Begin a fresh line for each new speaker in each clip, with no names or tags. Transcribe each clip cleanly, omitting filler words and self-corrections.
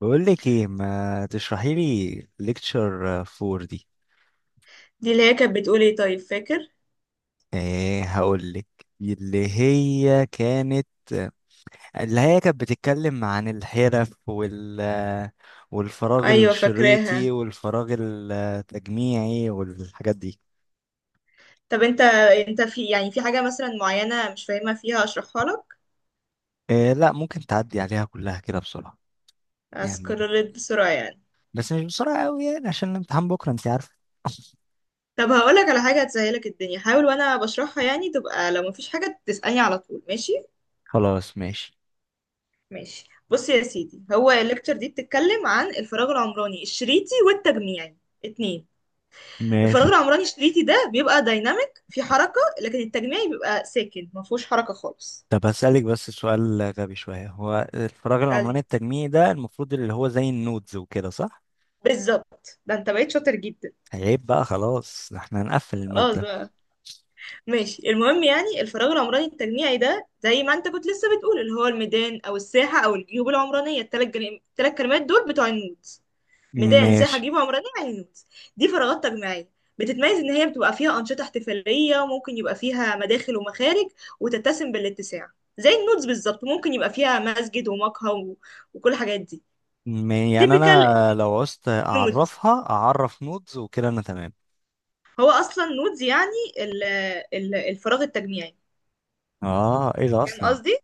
بقول لك ايه؟ ما تشرحي لي ليكتشر 4 دي.
دي اللي هي كانت بتقول ايه؟ طيب، فاكر؟
ايه، هقول لك. اللي هي كانت اللي هي كانت بتتكلم عن الحرف والفراغ
ايوه
الشريطي
فاكراها.
والفراغ التجميعي والحاجات دي.
طب انت، انت في حاجه مثلا معينه مش فاهمها فيها اشرحها لك؟
إيه، لا، ممكن تعدي عليها كلها كده بسرعة؟ يعني
اسكرولت بسرعه
بس مش بسرعة قوي يعني، عشان الامتحان بكرة، انت عارفة.
طب هقول لك على حاجه هتسهلك الدنيا، حاول وانا بشرحها تبقى لو مفيش حاجه تسالني على طول، ماشي؟
خلاص، ماشي
ماشي، بص يا سيدي، هو الليكتشر دي بتتكلم عن الفراغ العمراني الشريطي والتجميعي. اتنين. الفراغ
ماشي.
العمراني الشريطي ده بيبقى دايناميك في حركه، لكن التجميعي بيبقى ساكن مفهوش حركه خالص.
طب هسألك بس سؤال غبي شوية: هو الفراغ
قال
العمراني
لي
التجميعي ده المفروض اللي هو زي النودز وكده، صح؟
بالظبط، ده انت بقيت شاطر جدا.
عيب بقى، خلاص احنا هنقفل
خلاص
المادة.
بقى. ماشي، المهم الفراغ العمراني التجميعي ده زي ما انت كنت لسه بتقول، اللي هو الميدان او الساحه او الجيوب العمرانيه، الثلاث كلمات دول بتوع النودز. ميدان، ساحه،
ماشي.
جيوب عمرانيه، يعني النودز. دي فراغات تجميعيه، بتتميز ان هي بتبقى فيها انشطه احتفاليه، وممكن يبقى فيها مداخل ومخارج، وتتسم بالاتساع. زي النودز بالظبط، ممكن يبقى فيها مسجد ومقهى وكل الحاجات دي.
يعني
تيبيكال
انا لو عوزت
نودز.
اعرفها اعرف نودز وكده انا تمام.
هو اصلا نودز يعني ال... الفراغ التجميعي.
اه، ايه ده
فاهم
اصلا؟
قصدي؟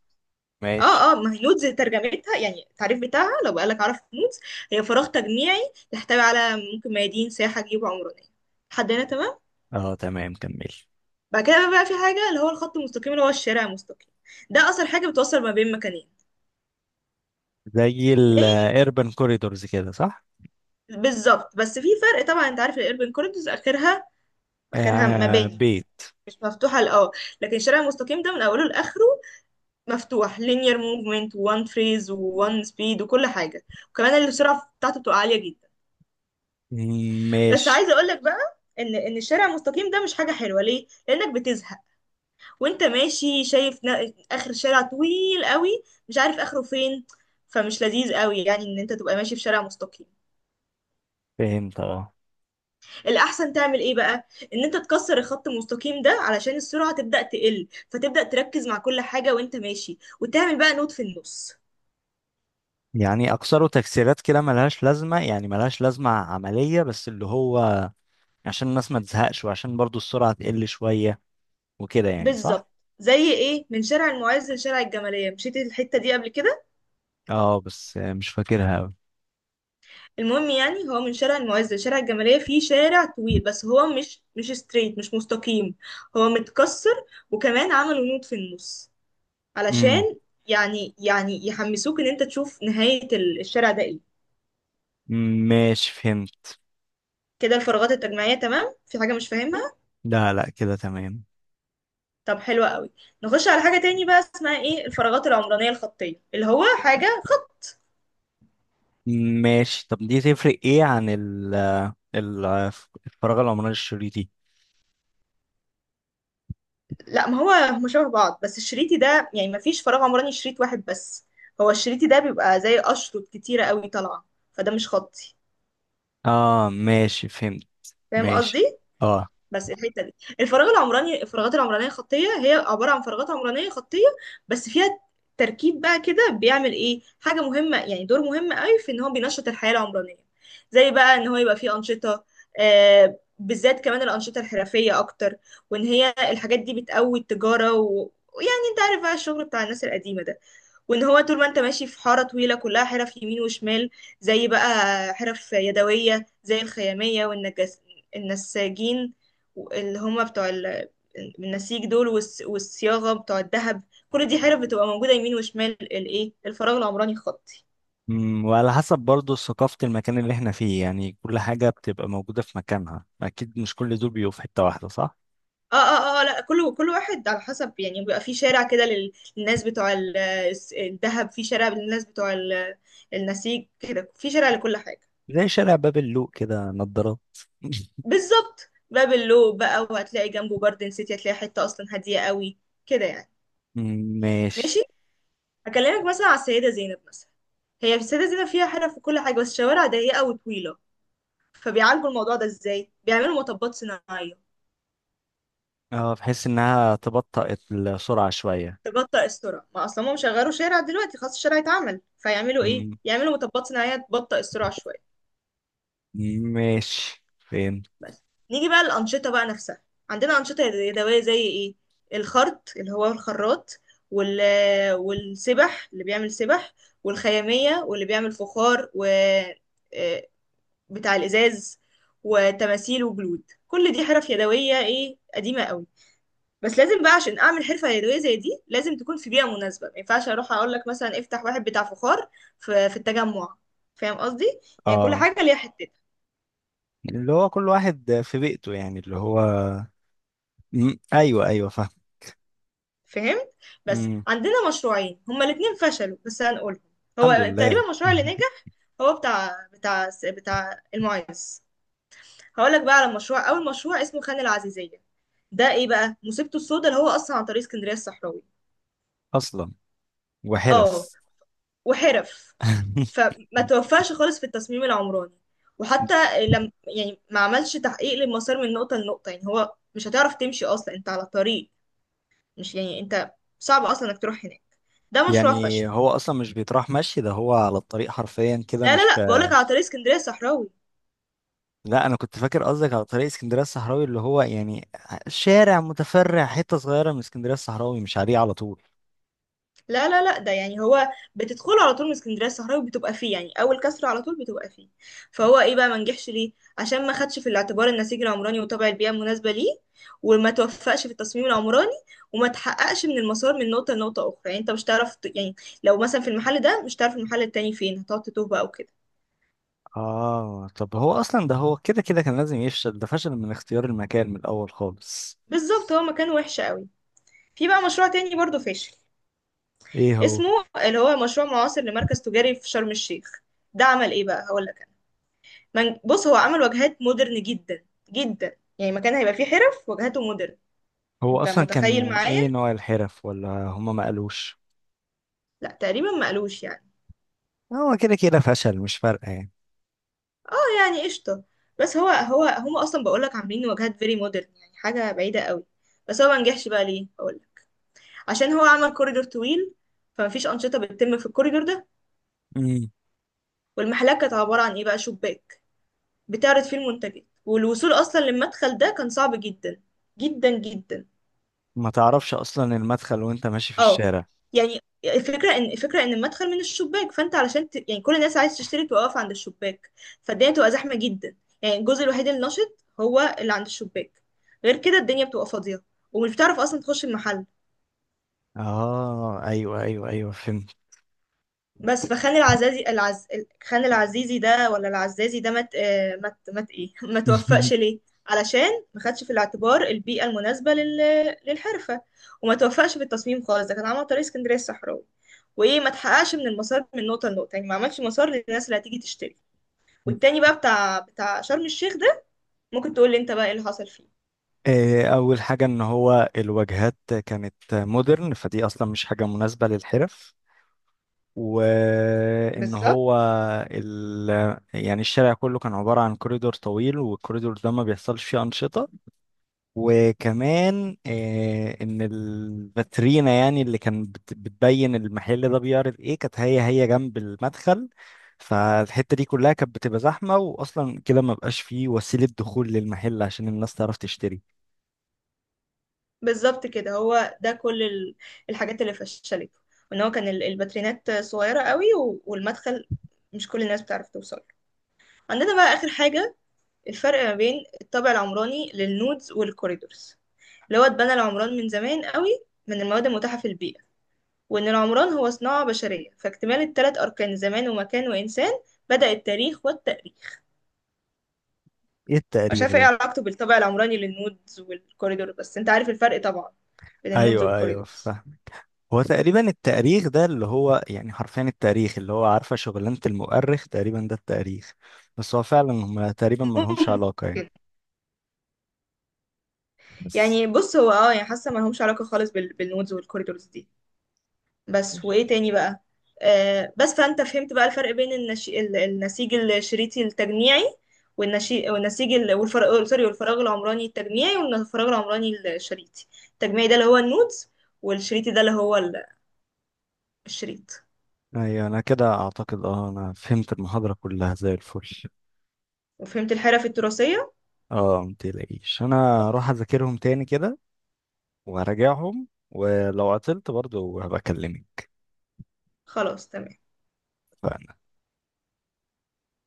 ماشي.
اه اه، ما هي نودز ترجمتها التعريف بتاعها، لو قالك عرف نودز، هي فراغ تجميعي يحتوي على ممكن ميادين، سياحة، جيوب عمرانية. لحد هنا تمام؟
اه تمام، كمل.
بعد كده بقى في حاجة اللي هو الخط المستقيم، اللي هو الشارع المستقيم. ده أصلا حاجة بتوصل ما بين مكانين.
زي
يعني
الاربن كوريدورز كده، صح؟
بالظبط، بس في فرق طبعا، انت عارف الاربن كوريدورز اخرها، اخرها
آه،
مباني،
بيت.
مش مفتوحة لأه. لكن الشارع المستقيم ده من أوله لآخره مفتوح، linear movement، وان فريز وان سبيد وكل حاجة. وكمان السرعة بتاعته بتبقى عالية جدا. بس
ماشي،
عايزه اقول لك بقى ان الشارع المستقيم ده مش حاجه حلوه، ليه؟ لانك بتزهق وانت ماشي، شايف اخر شارع طويل قوي مش عارف اخره فين، فمش لذيذ قوي يعني ان انت تبقى ماشي في شارع مستقيم.
فهمت، اه.
الاحسن تعمل ايه بقى؟ ان انت تكسر الخط المستقيم ده علشان السرعه تبدا تقل، فتبدا تركز مع كل حاجه وانت ماشي، وتعمل بقى نوت في النص.
يعني اكثره تكسيرات كده ملهاش لازمة، يعني ملهاش لازمة عملية، بس اللي هو عشان الناس ما تزهقش وعشان برضو السرعة تقل شوية وكده يعني، صح؟
بالظبط. زي ايه؟ من شارع المعز لشارع الجماليه، مشيت الحته دي قبل كده؟
اه، بس مش فاكرها أوي.
المهم، هو من شارع المعز لشارع الجمالية فيه شارع طويل، بس هو مش ستريت، مش مستقيم، هو متكسر. وكمان عملوا نوت في النص
امم
علشان يعني يحمسوك ان انت تشوف نهاية الشارع ده ايه.
ماشي، فهمت.
كده الفراغات التجميعية تمام، في حاجة مش فاهمها؟
لا لا، كده تمام.
طب حلوة قوي. نخش على حاجة تاني بقى، اسمها ايه؟ الفراغات العمرانية الخطية، اللي هو حاجة خط.
ماشي. طب دي تفرق ايه عن ال- الفراغ العمراني الشريطي؟
لا، ما هو هما شبه بعض، بس الشريطي ده يعني ما فيش فراغ عمراني شريط واحد بس، هو الشريطي ده بيبقى زي أشرط كتيرة قوي طالعة، فده مش خطي.
اه ماشي، فهمت.
فاهم
ماشي.
قصدي؟
اه.
بس الحته دي، الفراغات العمرانيه خطيه، هي عباره عن فراغات عمرانيه خطيه، بس فيها تركيب بقى كده بيعمل ايه حاجه مهمه، يعني دور مهم قوي، في ان هو بينشط الحياه العمرانيه. زي بقى ان هو يبقى فيه انشطه، آه، بالذات كمان الانشطه الحرفيه اكتر، وان هي الحاجات دي بتقوي التجاره ويعني انت عارف بقى الشغل بتاع الناس القديمه ده. وان هو طول ما انت ماشي في حاره طويله كلها حرف يمين وشمال، زي بقى حرف يدويه زي الخياميه، والنجس، النساجين، اللي هم بتوع النسيج دول، والصياغه بتوع الذهب. كل دي حرف بتبقى موجوده يمين وشمال الايه، الفراغ العمراني الخطي.
وعلى حسب برضو ثقافة المكان اللي احنا فيه، يعني كل حاجة بتبقى موجودة في مكانها أكيد، مش كل دول بيبقوا في حتة واحدة، صح؟
اه اه اه، لا، كل واحد على حسب، يعني بيبقى في شارع كده للناس بتوع الذهب، في شارع للناس بتوع النسيج كده، في شارع لكل حاجه.
زي شارع باب اللوق كده، نضارات.
بالظبط، باب اللو بقى، وهتلاقي جنبه جاردن سيتي، هتلاقي حته اصلا هاديه قوي كده يعني. ماشي.
ماشي.
هكلمك مثلا على السيده زينب مثلا. هي في السيده زينب فيها حرف وكل حاجه، بس شوارع ضيقه وطويله، فبيعالجوا الموضوع ده ازاي؟ بيعملوا مطبات صناعيه
اه، بحيث انها تبطئ السرعة شوية.
تبطئ السرعه. ما اصلا هم شغلوا شارع دلوقتي، خلاص الشارع اتعمل، فيعملوا ايه؟
مم.
يعملوا مطبات صناعيه تبطئ السرعه شويه.
ماشي. فين؟
بس، نيجي بقى الأنشطة بقى نفسها. عندنا أنشطة يدوية زي إيه؟ الخرط، اللي هو الخراط، وال... والسبح اللي بيعمل سبح، والخيامية، واللي بيعمل فخار، و آه، بتاع الإزاز، وتماثيل، وجلود. كل دي حرف يدوية إيه، قديمة قوي. بس لازم بقى عشان أعمل حرفة يدوية زي دي، لازم تكون في بيئة مناسبة، ما ينفعش أروح أقول لك مثلا افتح واحد بتاع فخار في التجمع. فاهم قصدي؟ يعني كل
اه،
حاجة ليها حتتها.
اللي هو كل واحد في بيئته، يعني اللي هو. مم، ايوه ايوه، فاهم.
فهمت؟ بس
مم.
عندنا مشروعين هما الاتنين فشلوا، بس هنقولهم.
الحمد
هو تقريبا
لله.
المشروع اللي نجح هو بتاع بتاع المعيز. هقولك بقى على مشروع، اول مشروع اسمه خان العزيزية. ده ايه بقى مصيبته السوداء؟ اللي هو اصلا عن طريق اسكندرية الصحراوي،
اصلا؟
اه،
وحرف.
وحرف. فما توفقش خالص في التصميم العمراني، وحتى لم، يعني ما عملش تحقيق للمسار من نقطة لنقطة، يعني هو مش هتعرف تمشي اصلا انت على طريق، مش انت، صعب اصلا انك تروح هناك. ده مشروع
يعني
فشل.
هو اصلا مش بيتراح مشي، ده هو على الطريق حرفيا كده
لا
مش
لا لا، بقولك على طريق اسكندريه الصحراوي.
لا، انا كنت فاكر قصدك على طريق اسكندريه الصحراوي اللي هو يعني شارع متفرع، حته صغيره من اسكندريه الصحراوي، مش عليه على طول.
لا لا لا، ده يعني هو بتدخله على طول من اسكندريه الصحراوي، بتبقى فيه يعني اول كسر على طول بتبقى فيه. فهو ايه بقى ما نجحش ليه؟ عشان ما خدش في الاعتبار النسيج العمراني، وطبع البيئه المناسبه ليه، وما توفقش في التصميم العمراني، وما تحققش من المسار من نقطه لنقطه اخرى، يعني انت مش تعرف يعني لو مثلا في المحل ده، مش تعرف المحل التاني فين، هتقعد تتوه بقى وكده.
اه، طب هو اصلا ده هو كده كده كان لازم يفشل، ده فشل من اختيار المكان من الاول خالص.
بالظبط. هو مكان وحش قوي. في بقى مشروع تاني برضه فاشل،
ايه هو؟
اسمه اللي هو مشروع معاصر لمركز تجاري في شرم الشيخ. ده عمل ايه بقى؟ هقول بص، هو عمل واجهات مودرن جدا جدا، يعني مكان هيبقى فيه حرف واجهاته مودرن.
هو
انت
اصلا
متخيل
كان
معايا؟
ايه نوع الحرف، ولا هما ما قالوش؟
لا تقريبا ما قالوش يعني.
هو كده كده فشل، مش فارقه يعني.
آه يعني قشطه. بس هو هو هم اصلا بقول لك عاملين واجهات فيري مودرن، يعني حاجه بعيده قوي. بس هو ما نجحش بقى ليه؟ اقول لك، عشان هو عمل كوريدور طويل، فمفيش انشطه بتتم في الكوريدور ده.
امم
والمحلات كانت عباره عن ايه بقى؟ شباك بتعرض فيه المنتجات، والوصول اصلا للمدخل ده كان صعب جدا جدا جدا.
ما تعرفش اصلا المدخل وانت ماشي في
اه.
الشارع.
يعني الفكرة ان المدخل من الشباك، فانت علشان يعني كل الناس عايز تشتري توقف عند الشباك، فالدنيا بتبقى زحمة جدا. يعني الجزء الوحيد النشط هو اللي عند الشباك، غير كده الدنيا بتبقى فاضية، ومش بتعرف اصلا تخش المحل.
اه ايوه ايوه ايوه، فهمت.
بس فخان خان العزيزي ده ولا العزازي ده مت مت ايه ما توفقش ليه؟ علشان ما خدش في الاعتبار البيئة المناسبة للحرفة، وما توفقش في التصميم خالص، ده كان عمل طريق اسكندرية الصحراوي، وايه، ما تحققش من المسار من نقطة لنقطة، يعني ما عملش مسار للناس اللي هتيجي تشتري. والتاني بقى بتاع شرم الشيخ ده، ممكن تقول لي انت بقى ايه اللي حصل فيه؟
إيه، اول حاجه ان هو الواجهات كانت مودرن، فدي اصلا مش حاجه مناسبه للحرف. وان
بالظبط.
هو ال... يعني الشارع كله كان عبارة عن كوريدور طويل، والكوريدور ده ما بيحصلش فيه أنشطة. وكمان ان الفاترينا يعني اللي كان بتبين المحل ده بيعرض ايه، كانت هي جنب المدخل. فالحتة دي كلها كانت بتبقى زحمة، واصلا كده ما بقاش فيه وسيلة دخول للمحل عشان الناس تعرف تشتري.
بالظبط، هو ده كل الحاجات اللي فشلته، وان هو كان الباترينات صغيرة قوي، والمدخل مش كل الناس بتعرف توصل له. عندنا بقى آخر حاجة، الفرق ما بين الطابع العمراني للنودز والكوريدورز. اللي هو اتبنى العمران من زمان قوي من المواد المتاحة في البيئة، وإن العمران هو صناعة بشرية، فاكتمال التلات أركان زمان ومكان وإنسان بدأ التاريخ والتأريخ.
ايه
مش
التاريخ
عارفة ايه
ده؟
علاقته بالطابع العمراني للنودز والكوريدور، بس انت عارف الفرق طبعا بين النودز
ايوه ايوه،
والكوريدورز.
هو تقريبا التأريخ ده اللي هو يعني حرفيا التاريخ، اللي هو عارفة شغلانة المؤرخ تقريبا، ده التاريخ. بس هو فعلا هم تقريبا ملهمش علاقة يعني. بس.
يعني بص، هو اه يعني حاسه ما لهمش علاقه خالص بالنودز والكوريدورز دي. بس وايه تاني بقى؟ آه بس، فانت فهمت بقى الفرق بين النسيج الشريطي التجميعي، والنشي... والنسيج ال... والفراغ سوري والفراغ العمراني التجميعي والفراغ العمراني الشريطي. التجميعي ده اللي هو النودز، والشريطي ده اللي هو الشريط.
ايوه، انا كده اعتقد اه انا فهمت المحاضرة كلها زي الفل.
وفهمت الحرف التراثيه؟
اه، متقلقيش انا
صح.
هروح اذاكرهم تاني كده. وهراجعهم ولو عطلت برضه هبقى اكلمك.
خلاص، تمام.